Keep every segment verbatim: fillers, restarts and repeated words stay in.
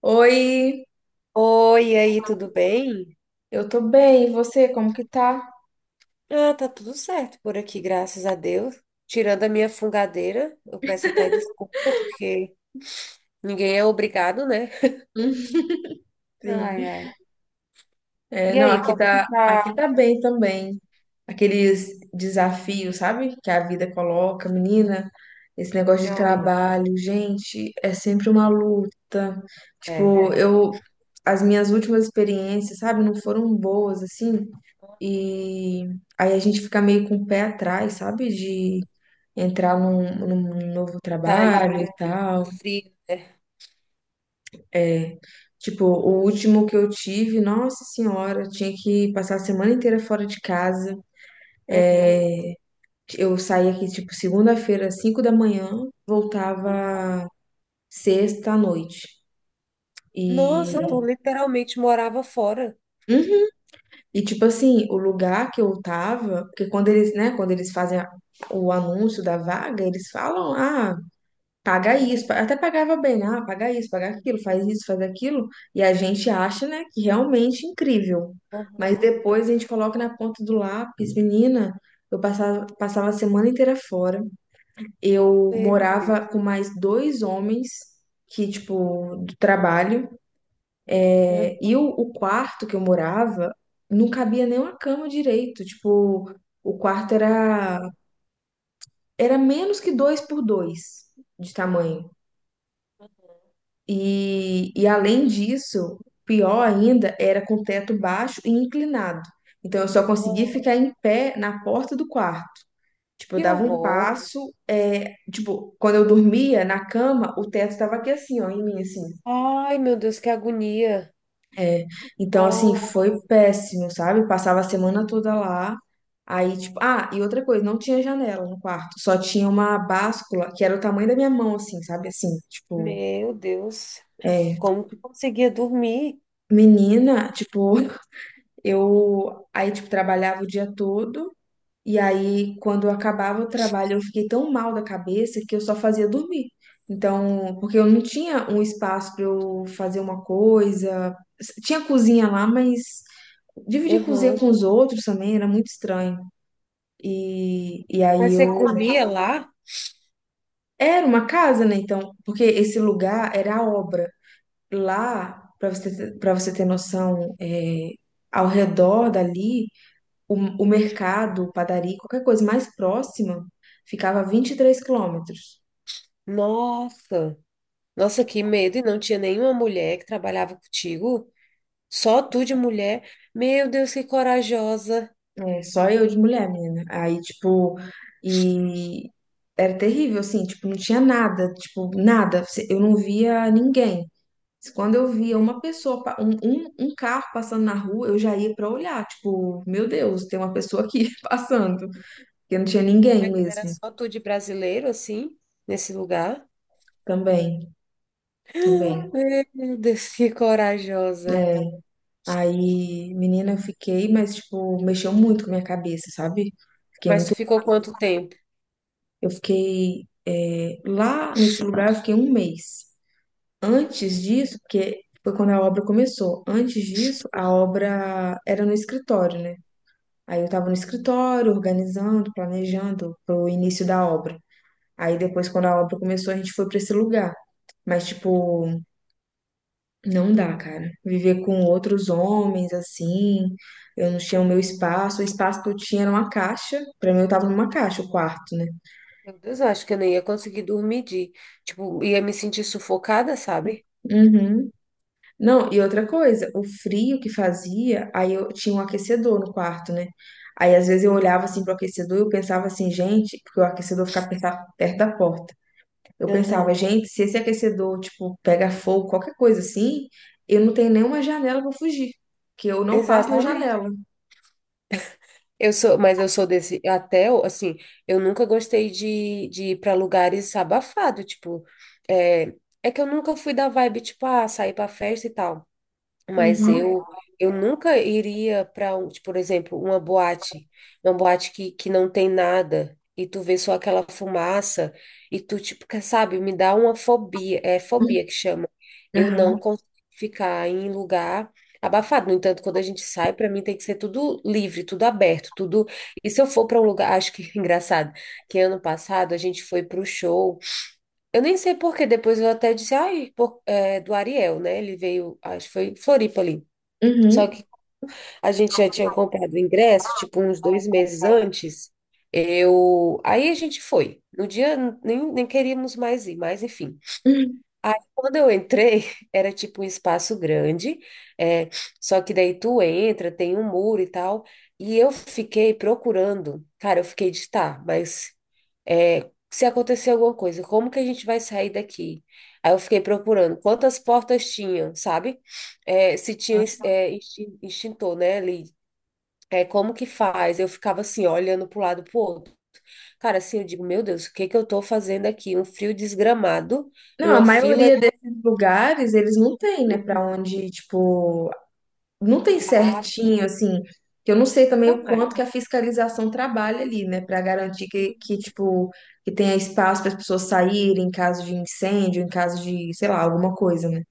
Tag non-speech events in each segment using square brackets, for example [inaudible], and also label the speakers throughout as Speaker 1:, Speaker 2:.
Speaker 1: Oi,
Speaker 2: Oi, e aí, tudo bem?
Speaker 1: eu tô bem, e você, como que tá?
Speaker 2: Ah, tá tudo certo por aqui, graças a Deus. Tirando a minha fungadeira, eu peço até desculpa, porque ninguém é obrigado, né?
Speaker 1: Hum. Sim.
Speaker 2: Ai, ai.
Speaker 1: É,
Speaker 2: E
Speaker 1: não,
Speaker 2: aí,
Speaker 1: aqui
Speaker 2: como que
Speaker 1: tá, aqui
Speaker 2: tá?
Speaker 1: tá bem também. Aqueles desafios, sabe, que a vida coloca, menina, esse negócio de
Speaker 2: Ai,
Speaker 1: trabalho, gente, é sempre uma luta.
Speaker 2: é.
Speaker 1: Tipo, eu, as minhas últimas experiências, sabe, não foram boas, assim,
Speaker 2: Aham.
Speaker 1: e aí a gente fica meio com o pé atrás, sabe, de entrar num, num novo
Speaker 2: Tá em,
Speaker 1: trabalho e
Speaker 2: em
Speaker 1: tal.
Speaker 2: frio, né?
Speaker 1: É, tipo, o último que eu tive, nossa senhora, tinha que passar a semana inteira fora de casa.
Speaker 2: Aham.
Speaker 1: Eu saía aqui, tipo, segunda-feira, cinco da manhã, voltava sexta à noite. E,
Speaker 2: Nossa, tu literalmente morava fora.
Speaker 1: Uhum. E tipo assim, o lugar que eu tava, porque quando eles, né, quando eles fazem a- o anúncio da vaga, eles falam, ah, paga isso, pa- até pagava bem, ah, paga isso, paga aquilo, faz isso, faz aquilo, e a gente acha, né, que realmente é incrível. Mas
Speaker 2: Aham.
Speaker 1: depois a gente coloca na ponta do lápis, menina, eu passava, passava a semana inteira fora. Eu
Speaker 2: Meu
Speaker 1: morava
Speaker 2: Deus.
Speaker 1: com mais dois homens que, tipo, do trabalho,
Speaker 2: Aham.
Speaker 1: é, e o, o quarto que eu morava não cabia nem uma cama direito, tipo, o quarto era, era menos que dois por dois de tamanho. E, e além disso, pior ainda, era com teto baixo e inclinado. Então eu só conseguia
Speaker 2: Nossa,
Speaker 1: ficar em pé na porta do quarto. Tipo, eu
Speaker 2: que
Speaker 1: dava um
Speaker 2: horror.
Speaker 1: passo, é, tipo, quando eu dormia na cama, o teto tava aqui assim, ó, em mim, assim.
Speaker 2: Ai, meu Deus, que agonia.
Speaker 1: Então, assim,
Speaker 2: Oh,
Speaker 1: foi péssimo, sabe? Passava a semana toda lá. Aí, tipo, ah, e outra coisa, não tinha janela no quarto, só tinha uma báscula que era o tamanho da minha mão, assim, sabe? Assim, tipo,
Speaker 2: meu Deus.
Speaker 1: é,
Speaker 2: Como que conseguia dormir?
Speaker 1: menina, tipo. Eu aí, tipo, trabalhava o dia todo, e aí, quando eu acabava o trabalho, eu fiquei tão mal da cabeça que eu só fazia dormir. Então, porque eu não tinha um espaço para eu fazer uma coisa. Tinha cozinha lá, mas dividir cozinha
Speaker 2: Aham.
Speaker 1: com os outros também era muito estranho. E, e
Speaker 2: Mas
Speaker 1: aí eu.
Speaker 2: você comia lá?
Speaker 1: Era uma casa, né? Então, porque esse lugar era a obra. Lá, para você, para você ter noção, é, ao redor dali. O, o mercado, padaria, qualquer coisa mais próxima, ficava a vinte e três quilômetros.
Speaker 2: Nossa, nossa, que medo! E não tinha nenhuma mulher que trabalhava contigo? Só tu de mulher? Meu Deus, que corajosa!
Speaker 1: É, só eu de mulher, menina. Aí, tipo, e era terrível, assim, tipo, não tinha nada, tipo, nada. Eu não via ninguém. Quando eu via
Speaker 2: Meu,
Speaker 1: uma pessoa, pa- um, um, um carro passando na rua, eu já ia pra olhar, tipo, meu Deus, tem uma pessoa aqui [laughs] passando. Porque não tinha ninguém
Speaker 2: Mas era
Speaker 1: mesmo.
Speaker 2: só tu de brasileiro, assim, nesse lugar?
Speaker 1: Também, também.
Speaker 2: Meu Deus, que corajosa!
Speaker 1: Aí, menina, eu fiquei, mas, tipo, mexeu muito com a minha cabeça, sabe? Fiquei
Speaker 2: Mas tu
Speaker 1: muito.
Speaker 2: ficou quanto tempo?
Speaker 1: Eu fiquei. É, lá nesse lugar, eu fiquei um mês. Antes disso, porque foi quando a obra começou. Antes disso, a obra era no escritório, né? Aí eu tava no escritório, organizando, planejando pro início da obra. Aí depois, quando a obra começou, a gente foi pra esse lugar. Mas, tipo. Não dá, cara. Viver com outros homens assim, eu não tinha o meu
Speaker 2: Uhum.
Speaker 1: espaço. O espaço que eu tinha era uma caixa. Pra mim, eu tava numa caixa, o quarto, né?
Speaker 2: Meu Deus, eu acho que eu nem ia conseguir dormir, de, tipo, ia me sentir sufocada, sabe?
Speaker 1: Uhum. Não, e outra coisa, o frio que fazia, aí eu tinha um aquecedor no quarto, né? Aí às vezes eu olhava assim pro aquecedor e eu pensava assim, gente, porque o aquecedor ficava perta- perto da porta. Eu
Speaker 2: Aham,
Speaker 1: pensava, gente, se esse aquecedor, tipo, pega fogo, qualquer coisa assim, eu não tenho nenhuma janela pra fugir, que eu não passo na
Speaker 2: exatamente.
Speaker 1: janela.
Speaker 2: Eu sou, mas eu sou desse, até, assim, eu nunca gostei de, de ir para lugares abafado, tipo, é, é que eu nunca fui da vibe, tipo, ah, sair pra festa e tal. Mas
Speaker 1: Uhum.
Speaker 2: eu eu nunca iria para, tipo, por exemplo, uma boate, uma boate que, que não tem nada e tu vê só aquela fumaça e tu, tipo, quer, sabe, me dá uma fobia, é fobia que chama. Eu não
Speaker 1: Aham.
Speaker 2: consigo ficar em lugar abafado. No entanto, quando a gente sai, para mim tem que ser tudo livre, tudo aberto, tudo. E se eu for para um lugar, acho que [laughs] engraçado, que ano passado a gente foi para o show, eu nem sei por quê. Depois eu até disse, ai, por- é, do Ariel, né? Ele veio, acho que foi em Floripa ali. Só
Speaker 1: Uhum.
Speaker 2: que a gente já tinha comprado o ingresso, tipo, uns dois meses antes. Eu. Aí a gente foi. No dia nem, nem queríamos mais ir, mas enfim.
Speaker 1: Uhum.
Speaker 2: Aí quando eu entrei, [laughs] era tipo um espaço grande, é, só que daí tu entra, tem um muro e tal. E eu fiquei procurando, cara, eu fiquei, de, tá, mas é, se acontecer alguma coisa, como que a gente vai sair daqui? Aí eu fiquei procurando quantas portas tinham, sabe? É, se tinha é, extin- extintor, né, ali. É, como que faz? Eu ficava assim, olhando para um lado, para o outro. Cara, assim, eu digo, meu Deus, o que que eu tô fazendo aqui? Um frio desgramado,
Speaker 1: Não, a
Speaker 2: uma fila.
Speaker 1: maioria desses lugares, eles não tem, né, pra
Speaker 2: Uhum.
Speaker 1: onde, tipo, não tem
Speaker 2: Ah,
Speaker 1: certinho, assim, que eu não sei também
Speaker 2: nunca
Speaker 1: o quanto
Speaker 2: mais.
Speaker 1: que a fiscalização trabalha ali, né, pra garantir que,
Speaker 2: Hum.
Speaker 1: que, tipo, que tenha espaço para as pessoas saírem em caso de incêndio, em caso de, sei lá, alguma coisa, né.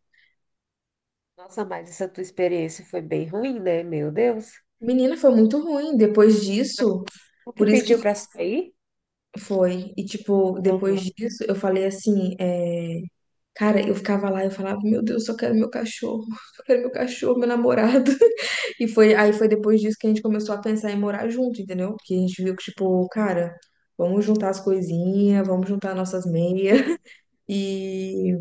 Speaker 2: Nossa, mas essa tua experiência foi bem ruim, né? Meu Deus.
Speaker 1: Menina, foi muito ruim depois disso,
Speaker 2: O que
Speaker 1: por isso que
Speaker 2: pediu para sair?
Speaker 1: foi. E, tipo, depois
Speaker 2: Uhum.
Speaker 1: disso, eu falei assim, é, cara, eu ficava lá, eu falava, meu Deus, eu só quero meu cachorro, [laughs] eu quero meu cachorro, meu namorado. E foi, aí foi depois disso que a gente começou a pensar em morar junto, entendeu? Que a gente viu que, tipo, cara, vamos juntar as coisinhas, vamos juntar nossas meias.
Speaker 2: Hum.
Speaker 1: [laughs] E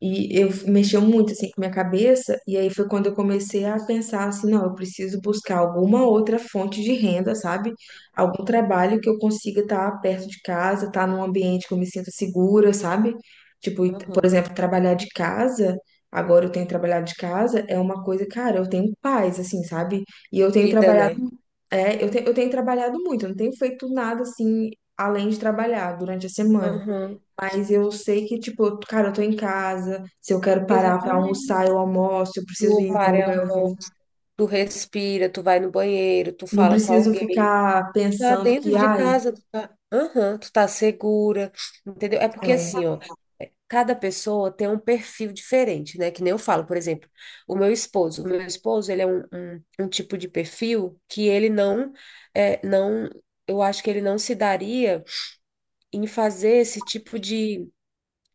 Speaker 1: e eu mexeu muito assim com minha cabeça, e aí foi quando eu comecei a pensar assim, não, eu preciso buscar alguma outra fonte de renda, sabe? Algum trabalho que eu consiga estar perto de casa, estar num ambiente que eu me sinta segura, sabe? Tipo, e- por
Speaker 2: Uhum.
Speaker 1: exemplo, trabalhar de casa, agora eu tenho trabalhado de casa, é uma coisa, cara, eu tenho paz, assim, sabe? E eu tenho
Speaker 2: Vida,
Speaker 1: trabalhado,
Speaker 2: né?
Speaker 1: é, eu tenho, eu tenho trabalhado muito, eu não tenho feito nada assim, além de trabalhar durante a semana.
Speaker 2: Uhum.
Speaker 1: Mas eu sei que, tipo, eu- cara, eu tô em casa. Se eu quero parar pra
Speaker 2: Exatamente.
Speaker 1: almoçar, eu almoço. Eu preciso
Speaker 2: Tu
Speaker 1: ir de um
Speaker 2: para
Speaker 1: lugar,
Speaker 2: um
Speaker 1: eu vou.
Speaker 2: pouco, tu respira, tu vai no banheiro, tu
Speaker 1: Não
Speaker 2: fala com
Speaker 1: preciso
Speaker 2: alguém,
Speaker 1: ficar
Speaker 2: tá
Speaker 1: pensando
Speaker 2: dentro
Speaker 1: que,
Speaker 2: de
Speaker 1: ai,
Speaker 2: casa, tu tá, aham, tu tá segura, entendeu? É porque,
Speaker 1: é.
Speaker 2: assim, ó, cada pessoa tem um perfil diferente, né? Que nem eu falo, por exemplo, o meu esposo, o meu esposo, ele é um, um, um tipo de perfil que ele não, é, não, eu acho que ele não se daria em fazer esse tipo de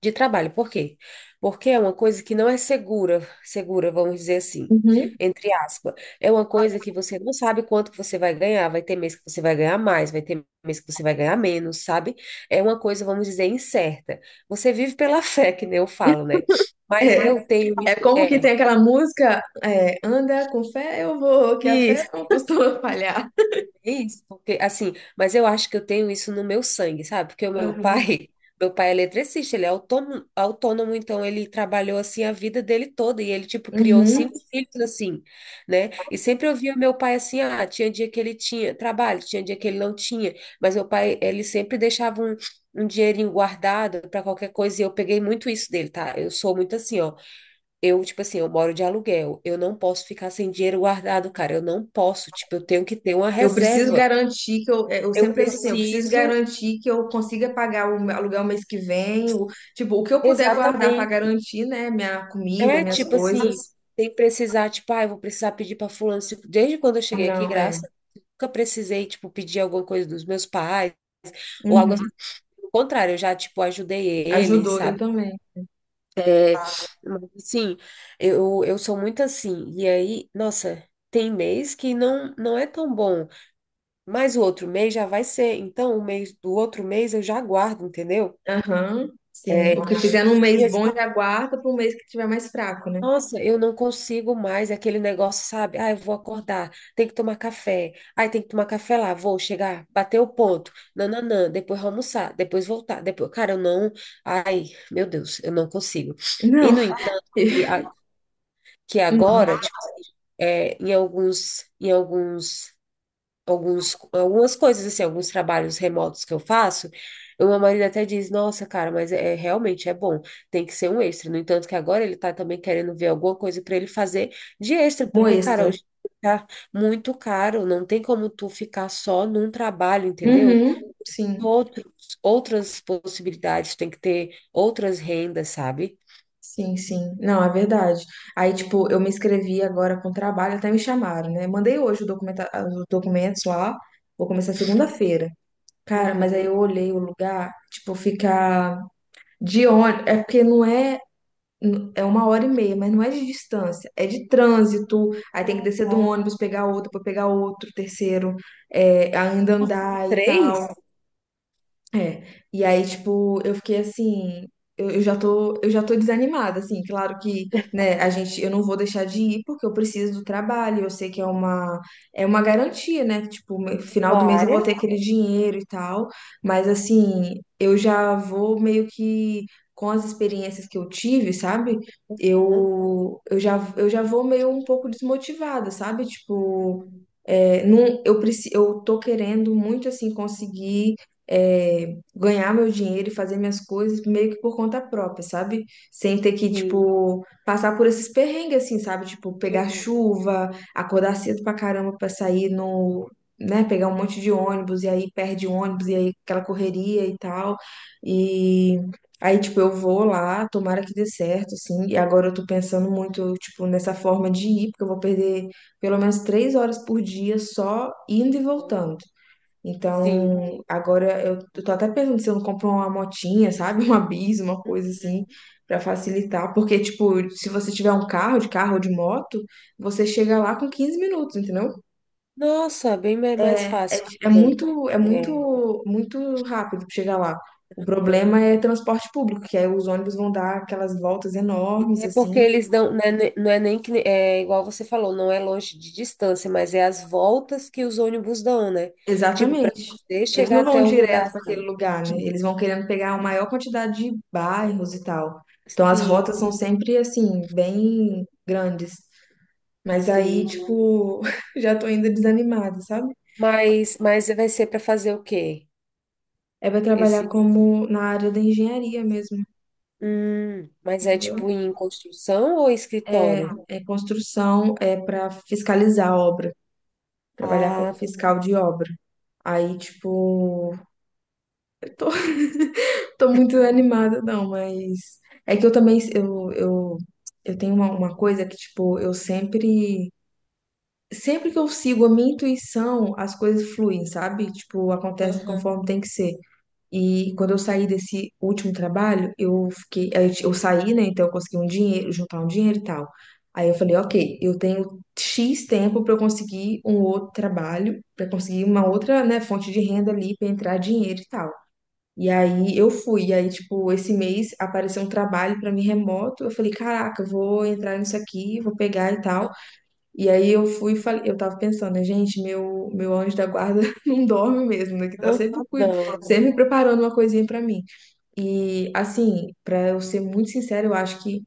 Speaker 2: de trabalho. Por quê? Porque é uma coisa que não é segura, segura, vamos dizer assim,
Speaker 1: Uhum.
Speaker 2: entre aspas. É uma coisa que você não sabe quanto que você vai ganhar, vai ter mês que você vai ganhar mais, vai ter mês que você vai ganhar menos, sabe? É uma coisa, vamos dizer, incerta. Você vive pela [laughs] fé, que nem eu falo, né?
Speaker 1: [laughs] É,
Speaker 2: Mas eu tenho
Speaker 1: é
Speaker 2: isso,
Speaker 1: como que
Speaker 2: é,
Speaker 1: tem aquela música, é, anda com fé, eu vou, que a fé
Speaker 2: mas-
Speaker 1: não costuma falhar.
Speaker 2: é isso, porque, assim, mas eu acho que eu tenho isso no meu sangue, sabe? Porque o meu
Speaker 1: Uhum.
Speaker 2: pai, [laughs] meu pai é eletricista, ele é autônomo, autônomo, então ele trabalhou assim a vida dele toda e ele tipo criou
Speaker 1: Uhum.
Speaker 2: cinco filhos assim, né? E sempre eu via meu pai assim, ah, tinha dia que ele tinha trabalho, tinha dia que ele não tinha, mas meu pai, ele sempre deixava um, um dinheirinho guardado para qualquer coisa, e eu peguei muito isso dele, tá? Eu sou muito assim, ó. Eu, tipo assim, eu moro de aluguel, eu não posso ficar sem dinheiro guardado, cara, eu não posso, tipo, eu tenho que ter uma
Speaker 1: Eu preciso
Speaker 2: reserva.
Speaker 1: garantir que eu, é, eu
Speaker 2: Eu
Speaker 1: sempre penso assim, eu preciso
Speaker 2: preciso,
Speaker 1: garantir que eu consiga pagar o meu aluguel mês que vem, o, tipo, o que eu puder guardar pra
Speaker 2: exatamente.
Speaker 1: garantir, né, minha comida,
Speaker 2: É
Speaker 1: minhas
Speaker 2: tipo
Speaker 1: coisas.
Speaker 2: assim, tem que precisar, tipo, ah, eu vou precisar pedir para fulano. se- Desde quando eu cheguei aqui,
Speaker 1: Não, é.
Speaker 2: graças a Deus, nunca precisei, tipo, pedir alguma coisa dos meus pais ou algo
Speaker 1: Uhum.
Speaker 2: assim. Pelo contrário, eu já, tipo, ajudei eles,
Speaker 1: Ajudou, eu
Speaker 2: sabe?
Speaker 1: também.
Speaker 2: Mas, assim, eu, eu sou muito assim. E aí, nossa, tem mês que não, não é tão bom, mas o outro mês já vai ser. Então, o mês do outro mês eu já guardo, entendeu?
Speaker 1: Aham, sim.
Speaker 2: É.
Speaker 1: O que fizer num mês bom já guarda para um mês que tiver mais fraco, né?
Speaker 2: Nossa, eu não consigo mais aquele negócio, sabe? Ah, eu vou acordar, tem que tomar café. Ai, tem que tomar café lá, vou chegar, bater o ponto. Nananã, depois almoçar, depois voltar, depois, cara, eu não, ai, meu Deus, eu não consigo. E
Speaker 1: Não,
Speaker 2: no entanto, e
Speaker 1: [laughs]
Speaker 2: a- que
Speaker 1: hum,
Speaker 2: agora, tipo, é, em alguns, em alguns alguns, algumas coisas, assim, alguns trabalhos remotos que eu faço, o meu marido até diz, nossa, cara, mas é é, realmente é bom, tem que ser um extra. No entanto, que agora ele tá também querendo ver alguma coisa para ele fazer de extra,
Speaker 1: um
Speaker 2: porque, cara,
Speaker 1: extra.
Speaker 2: hoje tá muito caro, não tem como tu ficar só num trabalho, entendeu?
Speaker 1: Uhum, sim,
Speaker 2: Outros, outras possibilidades, tem que ter outras rendas, sabe?
Speaker 1: sim, sim. Não, é verdade. Aí, tipo, eu me inscrevi agora com trabalho, até me chamaram, né? Mandei hoje o documenta- os documentos lá, vou começar segunda-feira. Cara, mas aí
Speaker 2: Uhum.
Speaker 1: eu olhei o lugar, tipo, ficar de ônibus. É porque não é. N- É uma hora e meia, mas não é de distância, é de trânsito. Aí tem que
Speaker 2: Ah,
Speaker 1: descer do
Speaker 2: tá.
Speaker 1: ônibus, pegar outro, para pegar outro, terceiro, é, ainda
Speaker 2: Nossa, são
Speaker 1: andar e tal.
Speaker 2: três?
Speaker 1: É, e aí, tipo, eu fiquei assim, eu, eu já tô, eu já tô, desanimada, assim, claro que, né, a gente, eu não vou deixar de ir porque eu preciso do trabalho, eu sei que é uma, é uma garantia, né, que, tipo, no
Speaker 2: A
Speaker 1: final
Speaker 2: tua
Speaker 1: do mês eu vou
Speaker 2: área.
Speaker 1: ter aquele dinheiro e tal, mas, assim, eu já vou meio que, com as experiências que eu tive, sabe,
Speaker 2: Ah,
Speaker 1: eu, eu já, eu já vou meio um pouco desmotivada, sabe, tipo... É, não, eu, preci- eu tô querendo muito assim conseguir é, ganhar meu dinheiro e fazer minhas coisas meio que por conta própria, sabe? Sem ter que,
Speaker 2: sim.
Speaker 1: tipo, passar por esses perrengues, assim, sabe? Tipo, pegar
Speaker 2: Uhum.
Speaker 1: chuva, acordar cedo pra caramba pra sair no. Né, pegar um monte de ônibus e aí perde o ônibus e aí aquela correria e tal. E aí, tipo, eu vou lá, tomara que dê certo, assim. E agora eu tô pensando muito, tipo, nessa forma de ir, porque eu vou perder pelo menos três horas por dia só indo e voltando.
Speaker 2: Sim.
Speaker 1: Então, agora eu eu tô até pensando se eu não compro uma motinha, sabe? [laughs] Uma bis, uma coisa assim,
Speaker 2: Uhum.
Speaker 1: pra facilitar. Porque, tipo, se você tiver um carro, de carro ou de moto, você chega lá com quinze minutos, entendeu?
Speaker 2: Nossa, bem mai- mais fácil. Ah,
Speaker 1: É
Speaker 2: bom,
Speaker 1: muito, é
Speaker 2: é,
Speaker 1: muito, muito rápido pra chegar lá. O
Speaker 2: aham.
Speaker 1: problema é transporte público, que aí os ônibus vão dar aquelas voltas enormes,
Speaker 2: É porque
Speaker 1: assim.
Speaker 2: eles dão, né, ne- não é nem que, ne- é igual você falou, não é longe de distância, mas é as voltas que os ônibus dão, né? Tipo, para
Speaker 1: Exatamente.
Speaker 2: você
Speaker 1: Eles
Speaker 2: chegar
Speaker 1: não vão
Speaker 2: até o lugar,
Speaker 1: direto para aquele
Speaker 2: sabe?
Speaker 1: lugar, né? Eles vão querendo pegar a maior quantidade de bairros e tal. Então as
Speaker 2: Sim,
Speaker 1: rotas são sempre assim, bem grandes. Mas aí,
Speaker 2: sim.
Speaker 1: tipo, [laughs] já tô ainda desanimada, sabe?
Speaker 2: Mas, mas vai ser para fazer o quê?
Speaker 1: É para trabalhar
Speaker 2: Esse,
Speaker 1: como na área da engenharia mesmo,
Speaker 2: hum, mas é
Speaker 1: entendeu?
Speaker 2: tipo em construção ou escritório?
Speaker 1: É construção, é para fiscalizar a obra, trabalhar como
Speaker 2: Ah,
Speaker 1: fiscal de obra. Aí, tipo, [laughs] eu tô Tô muito animada, não, mas é que eu também eu, eu, eu tenho uma, uma coisa que, tipo, eu sempre sempre que eu sigo a minha intuição, as coisas fluem, sabe? Tipo, acontecem
Speaker 2: aham,
Speaker 1: conforme tem que ser. E quando eu saí desse último trabalho, eu fiquei, aí eu saí, né? Então eu consegui um dinheiro, juntar um dinheiro e tal. Aí eu falei, ok, eu tenho X tempo pra eu conseguir um outro trabalho, pra conseguir uma outra, né, fonte de renda ali, pra entrar dinheiro e tal. E aí eu fui, e aí, tipo, esse mês apareceu um trabalho pra mim remoto. Eu falei, caraca, eu vou entrar nisso aqui, vou pegar e tal.
Speaker 2: aham.
Speaker 1: E aí eu fui e falei, eu tava pensando, né, gente, meu, meu anjo da guarda [laughs] não dorme mesmo, né? Que tá sempre, cuid-
Speaker 2: Não, não,
Speaker 1: sempre
Speaker 2: não.
Speaker 1: preparando uma coisinha pra mim. E assim, pra eu ser muito sincera, eu acho que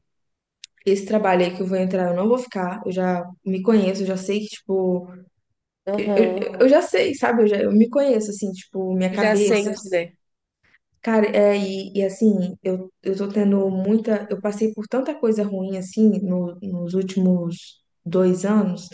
Speaker 1: esse trabalho aí que eu vou entrar, eu não vou ficar. Eu já me conheço, eu já sei que, tipo, eu, eu,
Speaker 2: Aham.
Speaker 1: eu já sei, sabe? Eu já, eu me conheço, assim, tipo, minha
Speaker 2: Tu já
Speaker 1: cabeça.
Speaker 2: sente, né?
Speaker 1: Cara, é, e, e assim, eu, eu tô tendo muita. Eu passei por tanta coisa ruim, assim, no- nos últimos dois anos,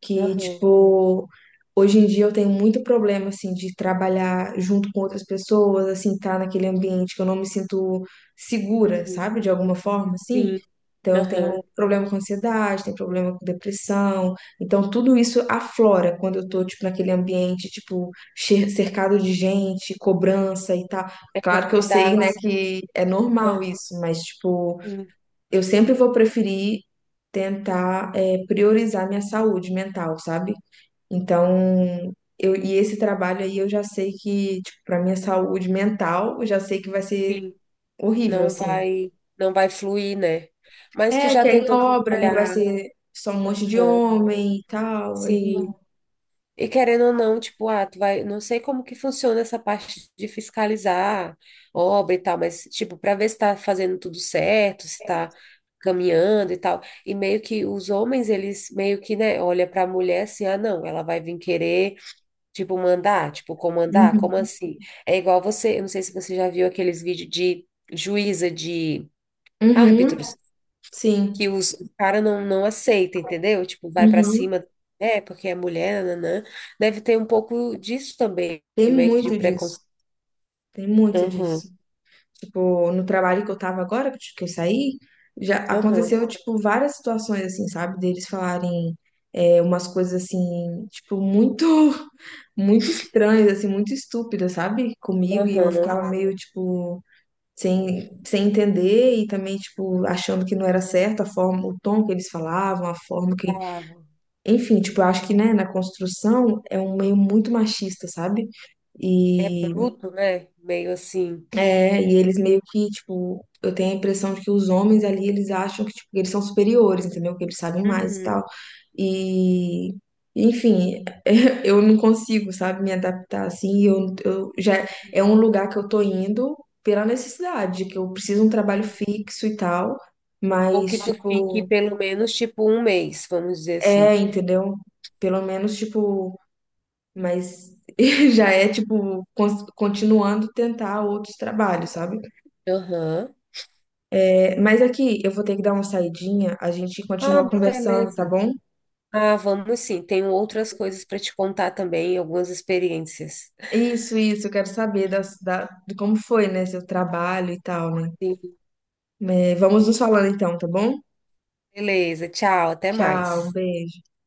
Speaker 1: que,
Speaker 2: Aham.
Speaker 1: tipo, hoje em dia eu tenho muito problema, assim, de trabalhar junto com outras pessoas, assim, tá naquele ambiente que eu não me sinto segura,
Speaker 2: Uhum.
Speaker 1: sabe? De alguma forma, assim.
Speaker 2: Sim,
Speaker 1: Então, eu tenho
Speaker 2: aham.
Speaker 1: problema com ansiedade, tenho problema com depressão. Então, tudo isso aflora quando eu tô, tipo, naquele ambiente, tipo, che- cercado de gente, cobrança e tal.
Speaker 2: É
Speaker 1: Claro que eu
Speaker 2: porque dá.
Speaker 1: sei, né,
Speaker 2: ansi-
Speaker 1: que é normal
Speaker 2: Aham,
Speaker 1: isso, mas, tipo,
Speaker 2: sim,
Speaker 1: eu sempre vou preferir tentar, é, priorizar minha saúde mental, sabe? Então, eu, e esse trabalho aí eu já sei que, tipo, pra minha saúde mental, eu já sei que vai ser
Speaker 2: sim.
Speaker 1: horrível,
Speaker 2: Não
Speaker 1: assim.
Speaker 2: vai, não vai fluir, né? Mas tu
Speaker 1: É,
Speaker 2: já
Speaker 1: que é em
Speaker 2: tentou
Speaker 1: obra, e vai
Speaker 2: trabalhar.
Speaker 1: ser só um monte de
Speaker 2: Aham,
Speaker 1: homem e tal, aí...
Speaker 2: sim. E querendo ou não, tipo, ah, tu vai. Não sei como que funciona essa parte de fiscalizar obra e tal, mas, tipo, pra ver se tá fazendo tudo certo, se tá caminhando e tal. E meio que os homens, eles meio que, né, olha pra mulher assim, ah, não, ela vai vir querer. Tipo, mandar, tipo, comandar,
Speaker 1: Uhum,
Speaker 2: como assim? É igual você, eu não sei se você já viu aqueles vídeos de juíza, de
Speaker 1: uhum,
Speaker 2: árbitros, que
Speaker 1: sim,
Speaker 2: os cara não, não aceita, entendeu? Tipo, vai pra
Speaker 1: uhum.
Speaker 2: cima, é, porque é mulher, nanã. Deve ter um pouco disso também,
Speaker 1: Tem
Speaker 2: meio que de
Speaker 1: muito disso,
Speaker 2: preconceito.
Speaker 1: tem muito
Speaker 2: Aham,
Speaker 1: disso. Tipo, no trabalho que eu tava agora, que eu saí, já
Speaker 2: aham,
Speaker 1: aconteceu, tipo, várias situações, assim, sabe? Deles falarem é, umas coisas, assim, tipo, muito, [laughs] muito estranhas, assim, muito estúpidas, sabe? Comigo, e eu
Speaker 2: aham,
Speaker 1: ficava meio, tipo, sem, sem entender e também, tipo, achando que não era certo a forma, o tom que eles falavam, a forma que...
Speaker 2: falava.
Speaker 1: Enfim, tipo, eu acho que, né, na construção é um meio muito machista, sabe?
Speaker 2: É bruto, né? Meio assim.
Speaker 1: É, e eles meio que, tipo, eu tenho a impressão de que os homens ali, eles acham que, tipo, que eles são superiores, entendeu? Que eles sabem mais e
Speaker 2: Uhum.
Speaker 1: tal. E, enfim, [laughs] eu não consigo, sabe, me adaptar assim. Eu, eu já É
Speaker 2: Sim,
Speaker 1: um lugar que eu tô indo pela necessidade, que eu preciso de um trabalho
Speaker 2: sim.
Speaker 1: fixo e tal,
Speaker 2: Ou
Speaker 1: mas,
Speaker 2: que tu fique
Speaker 1: tipo,
Speaker 2: pelo menos, tipo, um mês, vamos dizer assim.
Speaker 1: é, entendeu? Pelo menos, tipo, mas [laughs] já é, tipo, cons- continuando tentar outros trabalhos, sabe?
Speaker 2: Aham.
Speaker 1: Mas aqui eu vou ter que dar uma saidinha, a gente
Speaker 2: Ah,
Speaker 1: continua conversando, tá
Speaker 2: beleza.
Speaker 1: bom?
Speaker 2: Ah, vamos sim. Tenho outras coisas para te contar também, algumas experiências.
Speaker 1: Isso, isso, eu quero saber das, da, de como foi, né, seu trabalho e tal, né?
Speaker 2: Sim.
Speaker 1: É, vamos nos falando então, tá bom?
Speaker 2: Beleza, tchau, até
Speaker 1: Tchau, um
Speaker 2: mais.
Speaker 1: beijo.